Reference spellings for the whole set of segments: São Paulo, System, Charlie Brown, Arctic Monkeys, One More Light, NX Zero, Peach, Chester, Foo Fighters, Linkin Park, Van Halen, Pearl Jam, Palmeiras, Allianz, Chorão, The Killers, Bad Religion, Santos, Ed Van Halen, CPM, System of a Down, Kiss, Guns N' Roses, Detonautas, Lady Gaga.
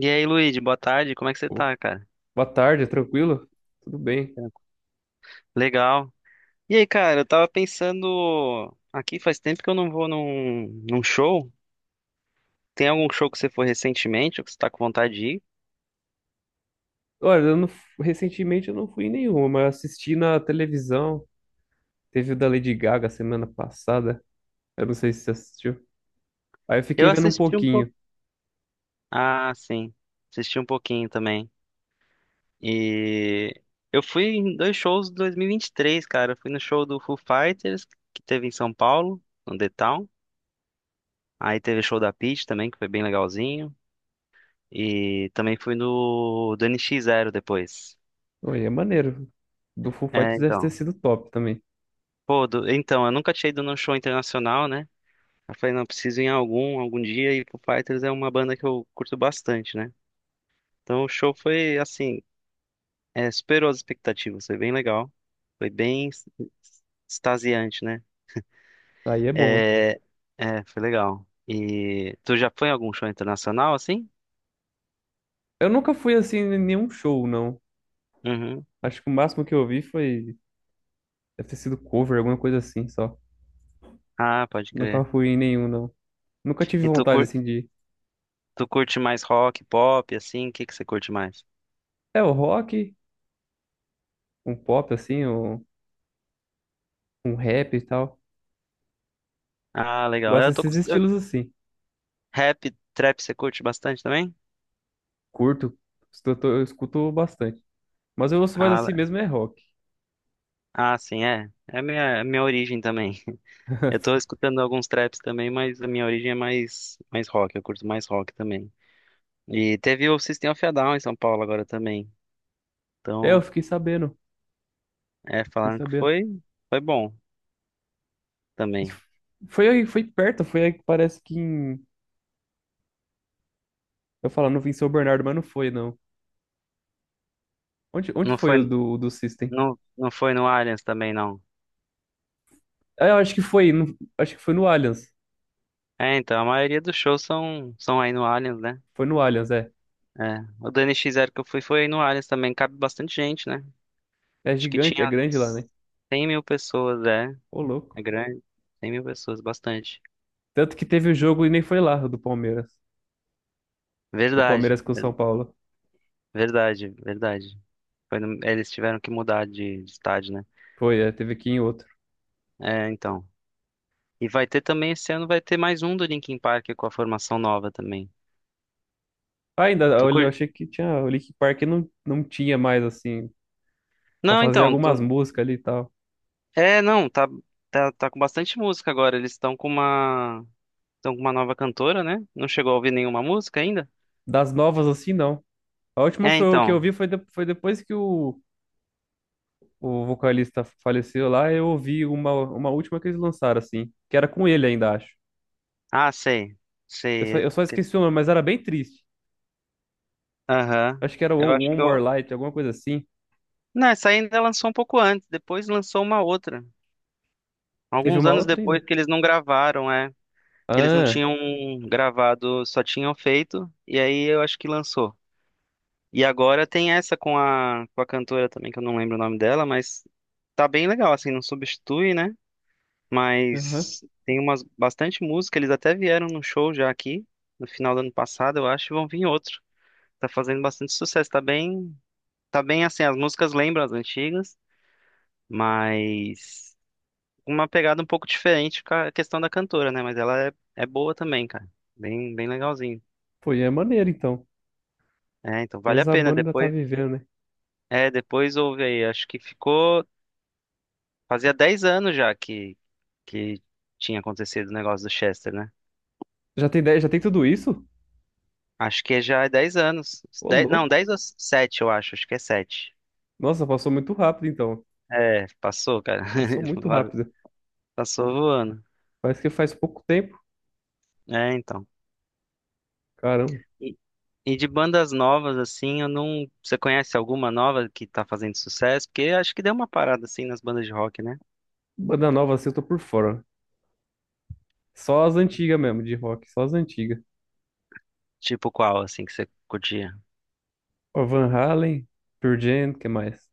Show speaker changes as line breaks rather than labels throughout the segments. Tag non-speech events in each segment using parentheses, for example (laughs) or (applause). E aí, Luigi, boa tarde, como é que você
Ô,
tá, cara?
boa tarde, tranquilo? Tudo bem.
Tranquilo. Legal. E aí, cara, eu tava pensando. Aqui faz tempo que eu não vou num show. Tem algum show que você foi recentemente ou que você tá com vontade de ir?
Olha, eu não, recentemente eu não fui em nenhuma, mas assisti na televisão. Teve o da Lady Gaga semana passada. Eu não sei se você assistiu. Aí eu fiquei
Eu
vendo um
assisti um pouco.
pouquinho.
Ah, sim. Assisti um pouquinho também. E eu fui em dois shows de 2023, cara. Eu fui no show do Foo Fighters, que teve em São Paulo, no The Town. Aí teve o show da Peach também, que foi bem legalzinho. E também fui no do NX Zero depois.
Olha, é maneiro. Do Foo
É,
Fighters deve ter
então.
sido top também.
Pô, então, eu nunca tinha ido num show internacional, né? Eu falei, não, preciso ir em algum dia, e Foo Fighters é uma banda que eu curto bastante, né? Então o show foi, assim, superou as expectativas, foi bem legal, foi bem extasiante, né?
Aí é bom.
É, é, foi legal. E tu já foi em algum show internacional, assim?
Eu nunca fui assim em nenhum show, não.
Uhum.
Acho que o máximo que eu vi foi. Deve ter sido cover, alguma coisa assim só.
Ah, pode
Nunca
crer.
fui em nenhum, não. Nunca tive
E tu,
vontade
cur...
assim de.
tu curte mais rock, pop, assim? O que que você curte mais?
É, o rock, um pop assim, um rap e tal.
Ah, legal.
Gosto
Eu tô com...
desses
eu-
estilos assim.
Rap, trap, você curte bastante também?
Curto, escuto, eu escuto bastante. Mas eu ouço mais
Ah,
assim mesmo é rock.
Ah, sim, é. É a minha origem também. (laughs) Eu tô
(laughs)
escutando alguns traps também, mas a minha origem é mais rock, eu curto mais rock também. E teve o System of a Down em São Paulo agora também.
É,
Então,
fiquei
falaram que
sabendo.
foi bom
E
também.
f- Foi aí, foi perto, foi aí que parece que em... Eu falar, não vim em São Bernardo, mas não foi, não. Onde
Não
foi
foi,
o do System?
não, não foi no Allianz também, não.
Ah, eu acho que foi, no- acho que foi no Allianz.
É, então, a maioria dos shows são aí no Allianz, né?
Foi no Allianz, é.
É. O do N X Zero que eu fui foi aí no Allianz também, cabe bastante gente, né?
É
Acho que
gigante, é
tinha
grande lá, né?
100.000 pessoas, é.
Ô,
É
louco.
grande. 100.000 pessoas, bastante.
Tanto que teve o jogo e nem foi lá, o do Palmeiras. Do
Verdade,
Palmeiras com o São
ver-
Paulo.
verdade, verdade. Foi no- Eles tiveram que mudar de estádio, né?
Foi, é, teve aqui em outro.
É, então. E vai ter também, esse ano vai ter mais um do Linkin Park com a formação nova também.
Ah, ainda,
Tô
olha, eu
cur...
achei que tinha, o Linkin Park não tinha mais, assim, só
Não,
fazia
então,
algumas músicas ali e tal.
não, tá com bastante música agora. Eles estão com uma nova cantora, né? Não chegou a ouvir nenhuma música ainda?
Das novas, assim, não. A última
É,
foi, o que eu vi
então.
foi, de- Foi depois que o vocalista faleceu lá, eu ouvi uma última que eles lançaram, assim, que era com ele ainda, acho.
Ah, sei, sei.
Eu só esqueci o nome, mas era bem triste.
Aham.
Acho que era
Eu acho
One
que
More
eu.
Light, alguma coisa assim.
Não, essa ainda lançou um pouco antes. Depois lançou uma outra.
Teve
Alguns
uma
anos
outra ainda?
depois que eles não gravaram, é. Que eles não
Ah,
tinham gravado, só tinham feito, e aí eu acho que lançou. E agora tem essa com a cantora também, que eu não lembro o nome dela, mas tá bem legal, assim, não substitui, né?
aham.
Mas tem umas bastante música, eles até vieram num show já aqui, no final do ano passado, eu acho, e vão vir outro. Tá fazendo bastante sucesso, tá bem assim, as músicas lembram as antigas, mas uma pegada um pouco diferente com a questão da cantora, né? Mas ela é boa também, cara, bem legalzinho.
Pô, e é maneiro, então.
É, então
Pelo
vale a
menos a
pena.
banda ainda tá
Depois,
vivendo, né?
é, depois houve aí. Acho que ficou. Fazia 10 anos já que tinha acontecido o negócio do Chester, né?
Já tem tudo isso?
Acho que já é 10 anos.
Ô,
Não,
louco.
10 ou 7 eu acho. Acho que é 7.
Nossa, passou muito rápido, então.
É, passou, cara.
Passou muito
(laughs)
rápido.
Passou voando.
Parece que faz pouco tempo.
É, então.
Caramba.
E, e de bandas novas, assim, eu não. Você conhece alguma nova que tá fazendo sucesso? Porque acho que deu uma parada, assim, nas bandas de rock, né?
Banda nova assim eu tô por fora. Só as antigas mesmo, de rock. Só as antigas.
Tipo qual, assim, que você curtia?
Ó, Van Halen, Pearl Jam, o que mais?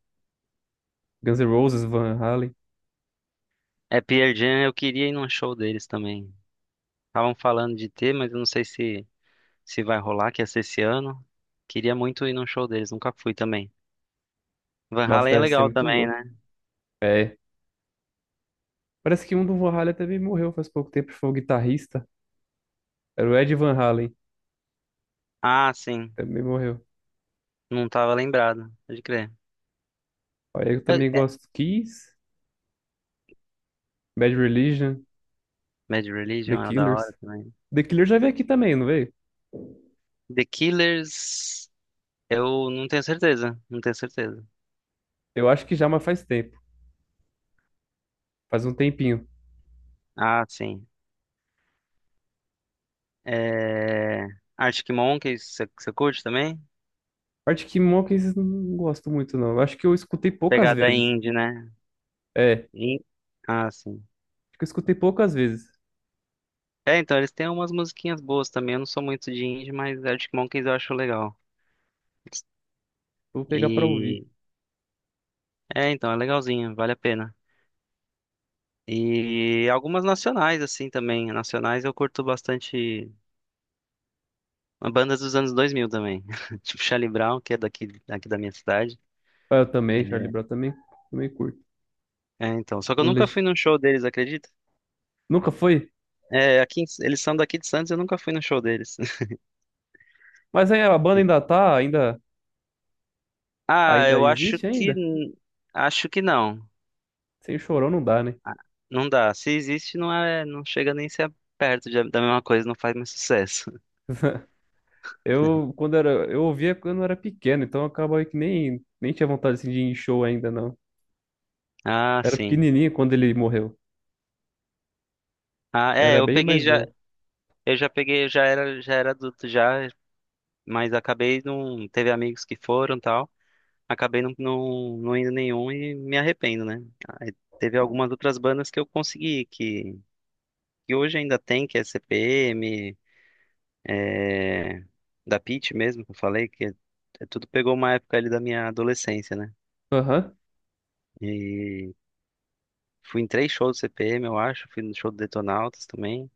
Guns N' Roses, Van Halen.
É, Pearl Jam, eu queria ir num show deles também. Estavam falando de ter, mas eu não sei se vai rolar, que ia ser esse ano. Queria muito ir num show deles, nunca fui também. Van
Nossa,
Halen é
deve ser
legal
muito
também,
louco.
né?
É. Parece que um do Van Halen também morreu faz pouco tempo. Foi o guitarrista. Era o Ed Van Halen.
Ah, sim.
Também morreu.
Não tava lembrado, pode crer.
Ó, eu
Eu-
também
é,
gosto do Kiss, Bad Religion,
Bad
The
Religion é da
Killers.
hora também.
The Killers já veio aqui também, não veio?
The Killers, eu não tenho certeza, não tenho certeza.
Eu acho que já, mas faz tempo. Faz um tempinho.
Ah, sim. É... Arctic Monkeys, você curte também?
Arctic Monkeys eu não gosto muito, não. Eu acho que eu escutei poucas
Pegada
vezes.
indie, né?
É, acho
In- Ah, sim.
que eu escutei poucas vezes.
É, então, eles têm umas musiquinhas boas também. Eu não sou muito de indie, mas Arctic Monkeys eu acho legal.
Vou pegar pra ouvir.
E então, é legalzinho, vale a pena. E algumas nacionais, assim, também. Nacionais eu curto bastante bandas dos anos 2000 também. (laughs) Tipo Charlie Brown, que é daqui da minha cidade.
Ah, eu também, Charlie Brown também, também curto.
É, então. Só que eu
Não
nunca fui
legi-
num show deles, acredita?
Nunca foi?
É, aqui, eles são daqui de Santos, eu nunca fui no show deles.
Mas aí a banda ainda
(laughs)
tá, ainda,
Ah,
ainda
eu acho
existe
que
ainda?
n- acho que não.
Sem chorão não dá, né?
Não dá. Se existe, não é, não chega nem a ser perto da mesma coisa, não faz mais sucesso. (laughs)
Eu ouvia quando eu era pequeno, então acaba que nem tinha vontade assim, de ir em show ainda, não.
Ah,
Era
sim.
pequenininho quando ele morreu.
Ah, é,
Era bem mais novo.
Eu já peguei, já era adulto já, mas acabei não, teve amigos que foram e tal, acabei não indo nenhum e me arrependo, né? Aí teve algumas outras bandas que eu consegui, que hoje ainda tem, que é CPM, é, da Pitty mesmo, que eu falei, que é tudo pegou uma época ali da minha adolescência, né?
Aham,
E fui em três shows do CPM, eu acho, fui no show do Detonautas também,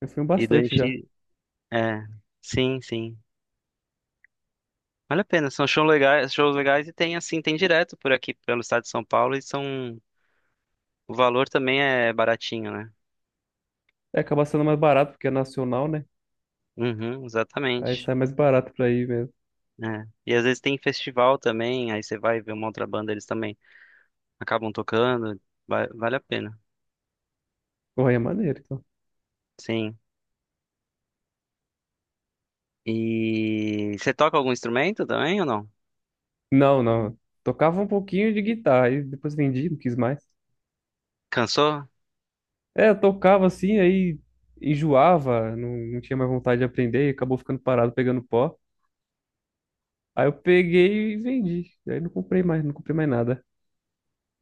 eu fui um
e do
bastante já.
NX, é, sim, sim. Vale a pena, são shows legais e tem assim, tem direto por aqui pelo estado de São Paulo e são o valor também é baratinho, né?
É, acaba sendo mais barato porque é nacional, né?
Uhum,
Aí
exatamente.
sai mais barato pra ir mesmo.
É. E às vezes tem festival também, aí você vai ver uma outra banda, eles também acabam tocando, vale a pena.
Correia maneiro, então.
Sim. E você toca algum instrumento também ou não?
Não, não. Tocava um pouquinho de guitarra, e depois vendi, não quis mais.
Cansou?
É, eu tocava assim, aí enjoava, não tinha mais vontade de aprender, e acabou ficando parado pegando pó. Aí eu peguei e vendi. Aí não comprei mais, não comprei mais nada.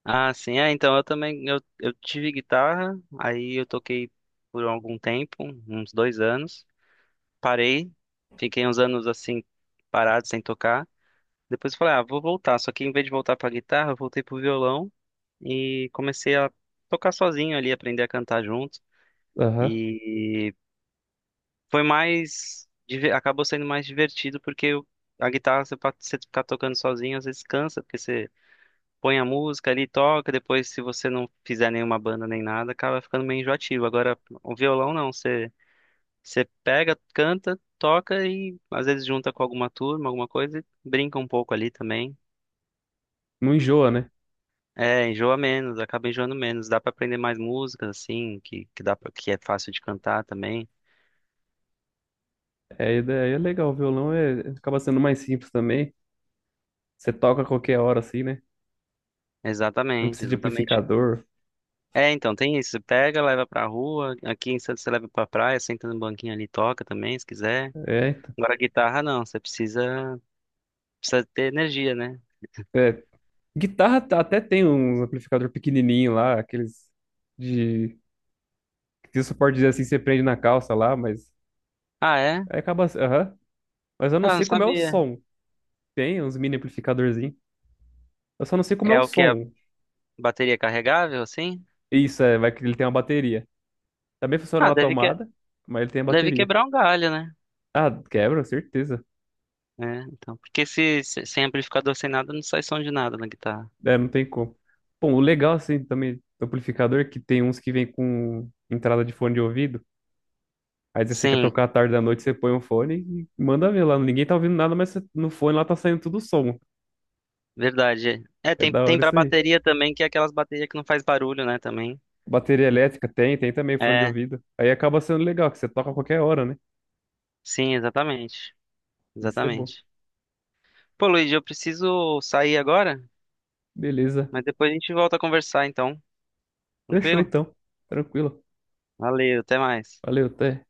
Ah, sim, então eu também, eu tive guitarra, aí eu toquei por algum tempo, uns 2 anos. Parei, fiquei uns anos assim parado, sem tocar. Depois eu falei, ah, vou voltar. Só que em vez de voltar pra guitarra, eu voltei pro violão e comecei a tocar sozinho ali, aprender a cantar junto.
Aham.
E acabou sendo mais divertido porque a guitarra você, você ficar tocando sozinho às vezes cansa, porque você põe a música ali, toca, depois se você não fizer nenhuma banda nem nada, acaba ficando meio enjoativo. Agora, o violão não, você pega, canta, toca e às vezes junta com alguma turma, alguma coisa e brinca um pouco ali também.
Não enjoa, né?
É, enjoa menos, acaba enjoando menos. Dá pra aprender mais músicas assim, que dá pra, que é fácil de cantar também.
É, e daí é legal, o violão é, acaba sendo mais simples também. Você toca a qualquer hora assim, né? Não
Exatamente,
precisa de
exatamente.
amplificador.
É, então tem isso. Você pega, leva pra rua. Aqui em Santos você leva pra praia, senta no banquinho ali, toca também, se quiser.
É, então.
Agora guitarra não, você precisa ter energia, né?
É. Guitarra tá- até tem um amplificador pequenininho lá, aqueles de. Se você pode dizer assim, você prende na calça lá, mas.
Ah, é?
Aí acaba. Aham. Mas eu não
Ah, não
sei como é o
sabia.
som. Tem uns mini amplificadorzinhos. Eu só não sei como é
É
o
o que? A
som.
bateria carregável, assim?
Isso, é, vai que ele tem uma bateria. Também funciona
Ah,
na
deve que,
tomada, mas ele tem a
deve
bateria.
quebrar um galho, né?
Ah, quebra, certeza.
É, então, porque sem amplificador, sem nada, não sai som de nada na guitarra.
É, não tem como. Bom, o legal assim também do amplificador é que tem uns que vem com entrada de fone de ouvido. Aí se você quer
Sim,
tocar à tarde da noite, você põe um fone e manda ver lá. Ninguém tá ouvindo nada, mas você- no fone lá tá saindo tudo som.
verdade. É,
É
tem,
da
tem
hora
pra
isso aí.
bateria também, que é aquelas baterias que não faz barulho, né, também.
Bateria elétrica tem, tem também fone de
É,
ouvido. Aí acaba sendo legal, que você toca a qualquer hora, né?
sim, exatamente.
Isso é bom.
Exatamente. Pô, Luiz, eu preciso sair agora,
Beleza.
mas depois a gente volta a conversar, então.
Fechou
Tranquilo?
então. Tranquilo.
Valeu, até mais.
Valeu, até.